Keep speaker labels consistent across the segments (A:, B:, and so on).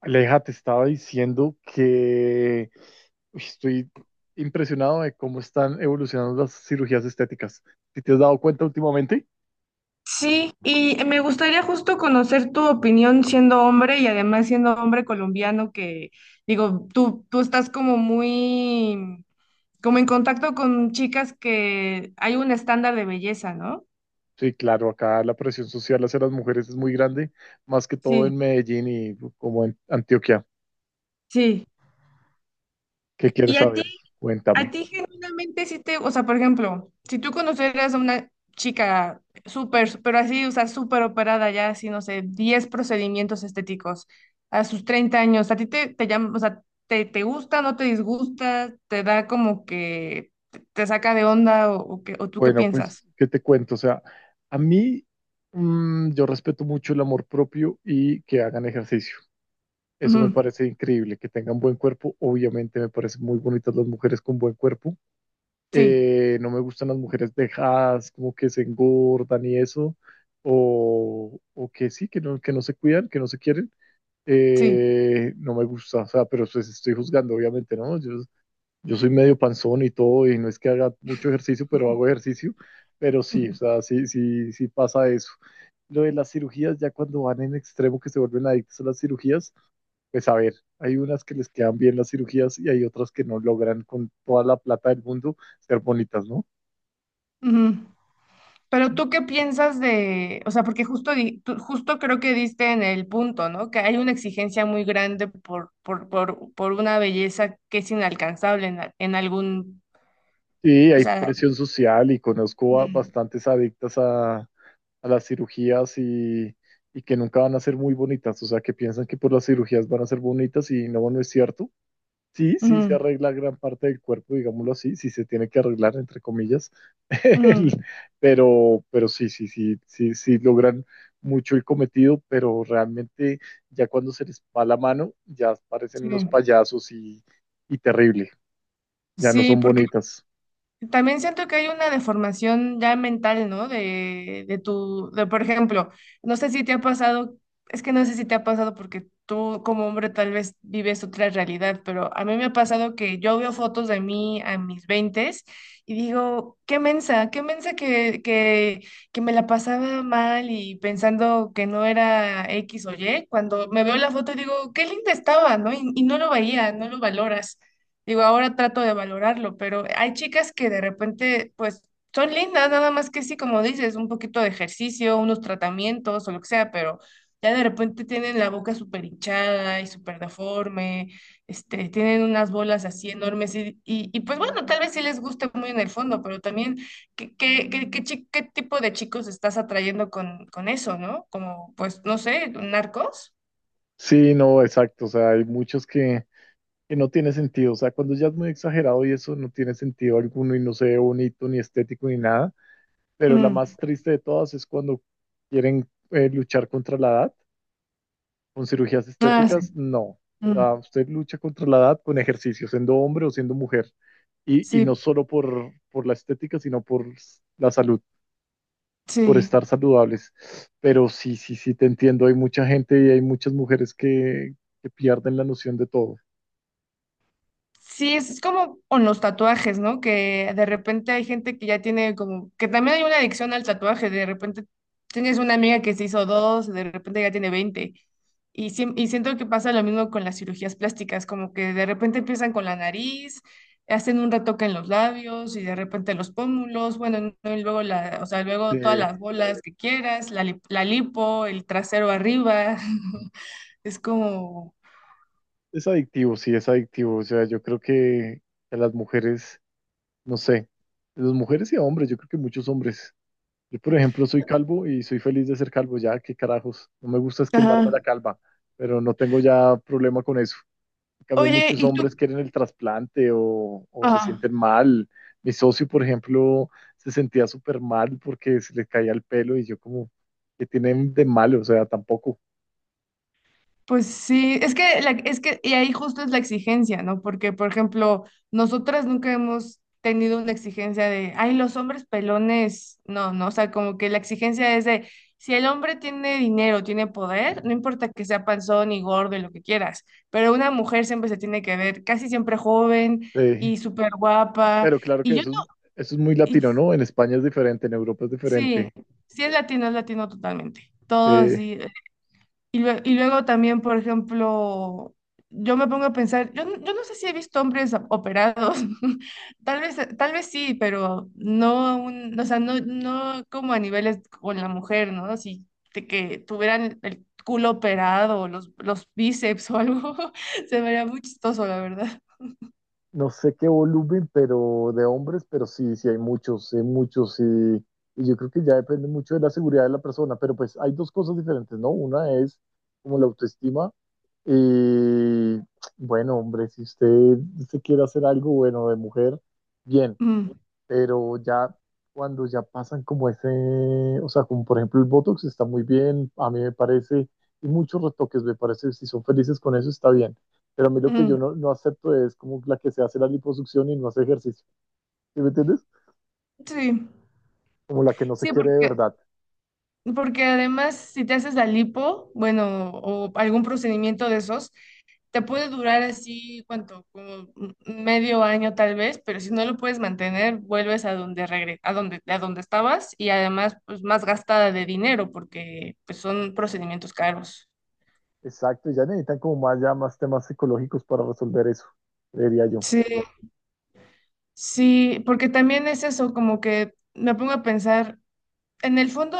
A: Aleja, te estaba diciendo que estoy impresionado de cómo están evolucionando las cirugías estéticas. ¿Si te has dado cuenta últimamente?
B: Sí, y me gustaría justo conocer tu opinión siendo hombre y además siendo hombre colombiano, que digo, tú estás como muy, como en contacto con chicas que hay un estándar de belleza, ¿no?
A: Sí, claro, acá la presión social hacia las mujeres es muy grande, más que todo
B: Sí,
A: en Medellín y como en Antioquia.
B: sí.
A: ¿Qué quieres
B: ¿Y a ti?
A: saber?
B: A
A: Cuéntame.
B: ti genuinamente sí te, o sea, por ejemplo, si tú conocieras a una chica súper, súper así, o sea, súper operada ya, así, no sé, 10 procedimientos estéticos a sus 30 años. ¿A ti te llama, o sea, te gusta, no te disgusta, te da como que te saca de onda o tú qué
A: Bueno,
B: piensas?
A: pues, ¿qué te cuento? O sea, a mí yo respeto mucho el amor propio y que hagan ejercicio. Eso me
B: Ujú.
A: parece increíble, que tengan buen cuerpo. Obviamente me parecen muy bonitas las mujeres con buen cuerpo.
B: Sí,
A: No me gustan las mujeres dejadas, como que se engordan y eso, o que sí, que no se cuidan, que no se quieren,
B: sí.
A: no me gusta, o sea, pero pues estoy juzgando, obviamente, ¿no? Yo soy medio panzón y todo, y no es que haga mucho ejercicio, pero hago ejercicio, pero sí, o sea, sí, sí, sí pasa eso. Lo de las cirugías, ya cuando van en extremo que se vuelven adictos a las cirugías, pues a ver, hay unas que les quedan bien las cirugías y hay otras que no logran con toda la plata del mundo ser bonitas, ¿no?
B: Ujú. Pero tú qué piensas de, o sea, porque justo, justo creo que diste en el punto, ¿no? Que hay una exigencia muy grande por una belleza que es inalcanzable en algún,
A: Sí,
B: o
A: hay
B: sea.
A: presión social y conozco a
B: Mm.
A: bastantes adictas a las cirugías y que nunca van a ser muy bonitas, o sea, que piensan que por las cirugías van a ser bonitas y no, no es cierto. Sí, sí, se
B: Mm.
A: arregla gran parte del cuerpo, digámoslo así, sí se tiene que arreglar, entre comillas,
B: Mm.
A: El- pero sí, sí, sí, sí, sí logran mucho el cometido, pero realmente ya cuando se les va la mano, ya parecen
B: Sí.
A: unos payasos y terrible, ya no
B: Sí,
A: son
B: porque
A: bonitas.
B: también siento que hay una deformación ya mental, ¿no? De por ejemplo, no sé si te ha pasado, es que no sé si te ha pasado porque tú como hombre tal vez vives otra realidad, pero a mí me ha pasado que yo veo fotos de mí a mis veintes y digo, qué mensa que me la pasaba mal y pensando que no era X o Y. Cuando me veo la foto digo, qué linda estaba, ¿no? Y no lo veía, no lo valoras. Digo, ahora trato de valorarlo, pero hay chicas que de repente, pues, son lindas, nada más que sí, como dices, un poquito de ejercicio, unos tratamientos o lo que sea, pero ya de repente tienen la boca súper hinchada y súper deforme, tienen unas bolas así enormes pues bueno, tal vez sí les guste muy en el fondo, pero también, ¿qué tipo de chicos estás atrayendo con eso, ¿no? Como, pues, no sé, narcos.
A: Sí, no, exacto. O sea, hay muchos que no tiene sentido. O sea, cuando ya es muy exagerado y eso no tiene sentido alguno y no se ve bonito ni estético ni nada. Pero la
B: Mm.
A: más triste de todas es cuando quieren luchar contra la edad con cirugías
B: Ah, sí.
A: estéticas. No. O sea,
B: Mm.
A: usted lucha contra la edad con ejercicio, siendo hombre o siendo mujer. Y no
B: Sí,
A: solo por la estética, sino por la salud, por
B: sí.
A: estar saludables. Pero sí, sí, sí, te entiendo. Hay mucha gente y hay muchas mujeres que pierden la noción de todo.
B: Sí, es como con los tatuajes, ¿no? Que de repente hay gente que ya tiene como, que también hay una adicción al tatuaje, de repente tienes una amiga que se hizo dos, de repente ya tiene 20. Y siento que pasa lo mismo con las cirugías plásticas, como que de repente empiezan con la nariz, hacen un retoque en los labios y de repente los pómulos, bueno, no, y luego o sea,
A: Sí,
B: luego todas las bolas que quieras, la lipo, el trasero arriba, es como.
A: es adictivo, sí, es adictivo. O sea, yo creo que a las mujeres, no sé, las mujeres y a hombres, yo creo que muchos hombres. Yo, por ejemplo, soy calvo y soy feliz de ser calvo, ya, qué carajos. No me gusta es quemarme
B: Ajá.
A: la calva, pero no tengo ya problema con eso. En cambio,
B: Oye,
A: muchos
B: ¿y tú?
A: hombres quieren el trasplante o se
B: Ajá.
A: sienten mal. Mi socio, por ejemplo, se sentía súper mal porque se le caía el pelo y yo como, ¿qué tienen de malo? O sea, tampoco.
B: Pues sí, es que, y ahí justo es la exigencia, ¿no? Porque, por ejemplo, nosotras nunca hemos tenido una exigencia de, ay, los hombres pelones, no, no, o sea, como que la exigencia es de, si el hombre tiene dinero, tiene poder, no importa que sea panzón y gordo y lo que quieras, pero una mujer siempre se tiene que ver casi siempre joven
A: Sí.
B: y súper guapa,
A: Pero claro que
B: y yo no,
A: eso es muy
B: y
A: latino, ¿no? En España es diferente, en Europa es
B: sí,
A: diferente.
B: sí es latino totalmente, todo
A: Eh,
B: así, y luego también, por ejemplo, yo me pongo a pensar, yo no sé si he visto hombres operados, tal vez sí, pero no, o sea, no, no como a niveles con la mujer, ¿no? Si de que tuvieran el culo operado, o los bíceps o algo, se vería muy chistoso, la verdad.
A: no sé qué volumen, pero de hombres, pero sí, sí hay muchos, y yo creo que ya depende mucho de la seguridad de la persona, pero pues hay dos cosas diferentes, ¿no? Una es como la autoestima y, bueno, hombre, si usted se quiere hacer algo bueno de mujer, bien,
B: Mm.
A: pero ya cuando ya pasan como ese, o sea, como por ejemplo el Botox está muy bien, a mí me parece, y muchos retoques me parece, si son felices con eso está bien, pero a mí lo que yo
B: Mm.
A: no, no acepto es como la que se hace la liposucción y no hace ejercicio, ¿sí me entiendes?
B: Sí,
A: Como la que no se
B: sí,
A: quiere de
B: porque,
A: verdad.
B: porque además si te haces la lipo, bueno, o algún procedimiento de esos, te puede durar así, ¿cuánto? Como medio año tal vez, pero si no lo puedes mantener, vuelves a donde regre- a donde estabas y además pues más gastada de dinero porque pues son procedimientos caros.
A: Exacto, y ya necesitan como más, ya más temas psicológicos para resolver eso, creería yo.
B: Sí, sí, porque también es eso, como que me pongo a pensar en el fondo,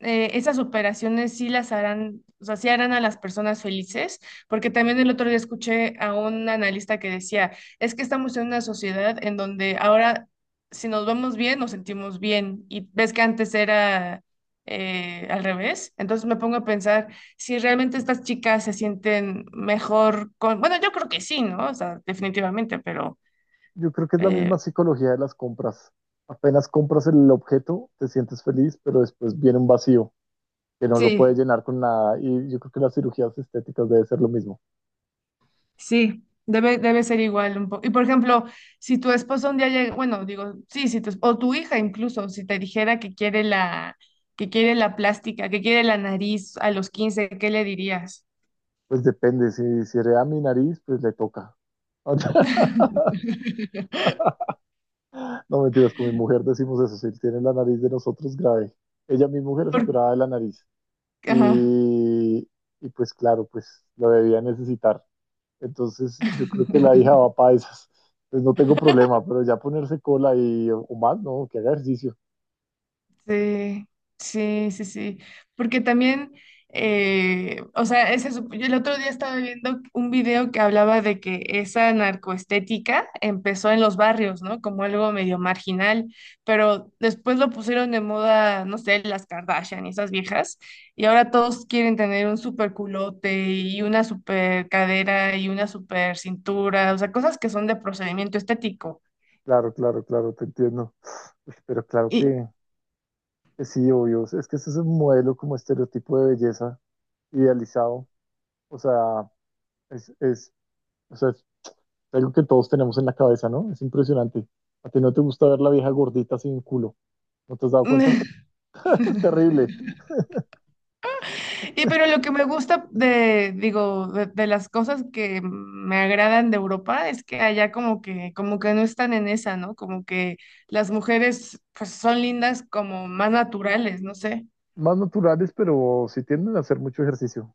B: esas operaciones sí las harán, o sea, sí harán a las personas felices, porque también el otro día escuché a un analista que decía, es que estamos en una sociedad en donde ahora si nos vemos bien, nos sentimos bien, y ves que antes era al revés, entonces me pongo a pensar si realmente estas chicas se sienten mejor con, bueno, yo creo que sí, ¿no? O sea, definitivamente, pero
A: Yo creo que es la
B: eh,
A: misma psicología de las compras. Apenas compras el objeto, te sientes feliz, pero después viene un vacío que no lo puede
B: sí.
A: llenar con nada. Y yo creo que las cirugías estéticas debe ser lo mismo.
B: Sí, debe ser igual un poco. Y por ejemplo, si tu esposo un día llega, bueno, digo, sí, si tu, esp- o tu hija incluso, si te dijera que quiere la, plástica, que quiere la nariz a los 15, ¿qué le dirías?
A: Pues depende, si, si hereda mi nariz, pues le toca. No mentiras, con mi mujer decimos eso, si tiene la nariz de nosotros grave. Ella, mi mujer, es
B: Por-
A: operada de la nariz.
B: Ajá.
A: Y, y pues claro, pues lo debía necesitar. Entonces yo creo que la hija va para esas. Pues no tengo problema, pero ya ponerse cola y o más, no, que haga ejercicio.
B: Sí, sí, sí, sí. Porque también, o sea, yo el otro día estaba viendo un video que hablaba de que esa narcoestética empezó en los barrios, ¿no? Como algo medio marginal, pero después lo pusieron de moda, no sé, las Kardashian y esas viejas, y ahora todos quieren tener un super culote y una super cadera y una super cintura, o sea, cosas que son de procedimiento estético.
A: Claro, claro, claro, te entiendo. Pues, pero claro
B: Y
A: que sí, obvio. Es que ese es un modelo como estereotipo de belleza idealizado. O sea, es, o sea, es algo que todos tenemos en la cabeza, ¿no? Es impresionante. A ti no te gusta ver la vieja gordita sin culo. ¿No te has dado cuenta? Es terrible.
B: Y pero lo que me gusta digo, de las cosas que me agradan de Europa es que allá como que no están en esa, ¿no? Como que las mujeres pues son lindas como más naturales, no sé.
A: Más naturales, pero sí tienden a hacer mucho ejercicio.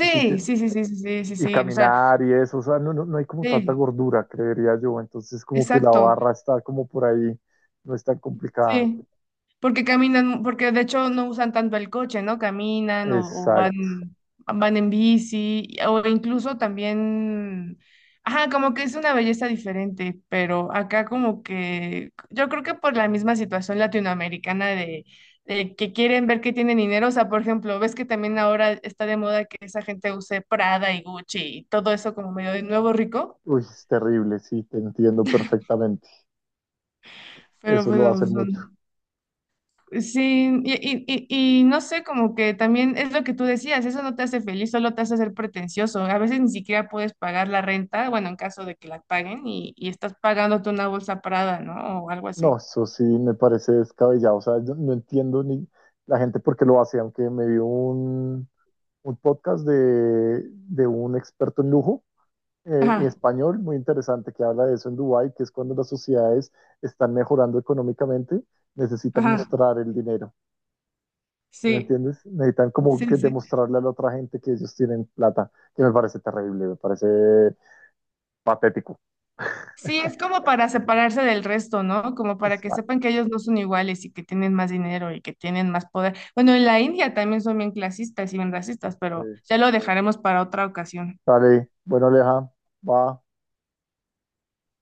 A: Y,
B: sí, sí, sí, sí, sí, sí,
A: y
B: sí, o sea,
A: caminar y eso. O sea, no, no, no hay como tanta
B: sí,
A: gordura, creería yo. Entonces, como que la
B: exacto,
A: barra está como por ahí. No es tan complicada.
B: sí. Porque caminan, porque de hecho no usan tanto el coche, ¿no? Caminan o
A: Exacto.
B: van, en bici, o incluso también, ajá, como que es una belleza diferente, pero acá como que, yo creo que por la misma situación latinoamericana de que quieren ver que tienen dinero, o sea, por ejemplo, ves que también ahora está de moda que esa gente use Prada y Gucci y todo eso como medio de nuevo rico,
A: Uy, es terrible. Sí, te entiendo perfectamente.
B: pero
A: Eso lo va a
B: bueno,
A: hacer mucho.
B: son. Sí, y no sé, como que también es lo que tú decías, eso no te hace feliz, solo te hace ser pretencioso. A veces ni siquiera puedes pagar la renta, bueno, en caso de que la paguen, y estás pagándote una bolsa Prada, ¿no? O algo
A: No,
B: así.
A: eso sí me parece descabellado. O sea, yo no entiendo ni la gente por qué lo hace, aunque me vio un podcast de un experto en lujo en
B: Ajá,
A: español muy interesante que habla de eso en Dubái, que es cuando las sociedades están mejorando económicamente, necesitan
B: ajá,
A: mostrar el dinero. ¿Sí me
B: sí,
A: entiendes? Necesitan como que
B: sí, sí.
A: demostrarle a la otra gente que ellos tienen plata, que me parece terrible, me parece patético.
B: Sí, es como para separarse del resto, ¿no? Como para que
A: Vale,
B: sepan que ellos no son iguales y que tienen más dinero y que tienen más poder. Bueno, en la India también son bien clasistas y bien racistas, pero
A: eh,
B: ya lo dejaremos para otra ocasión.
A: dale, bueno, Aleja, va.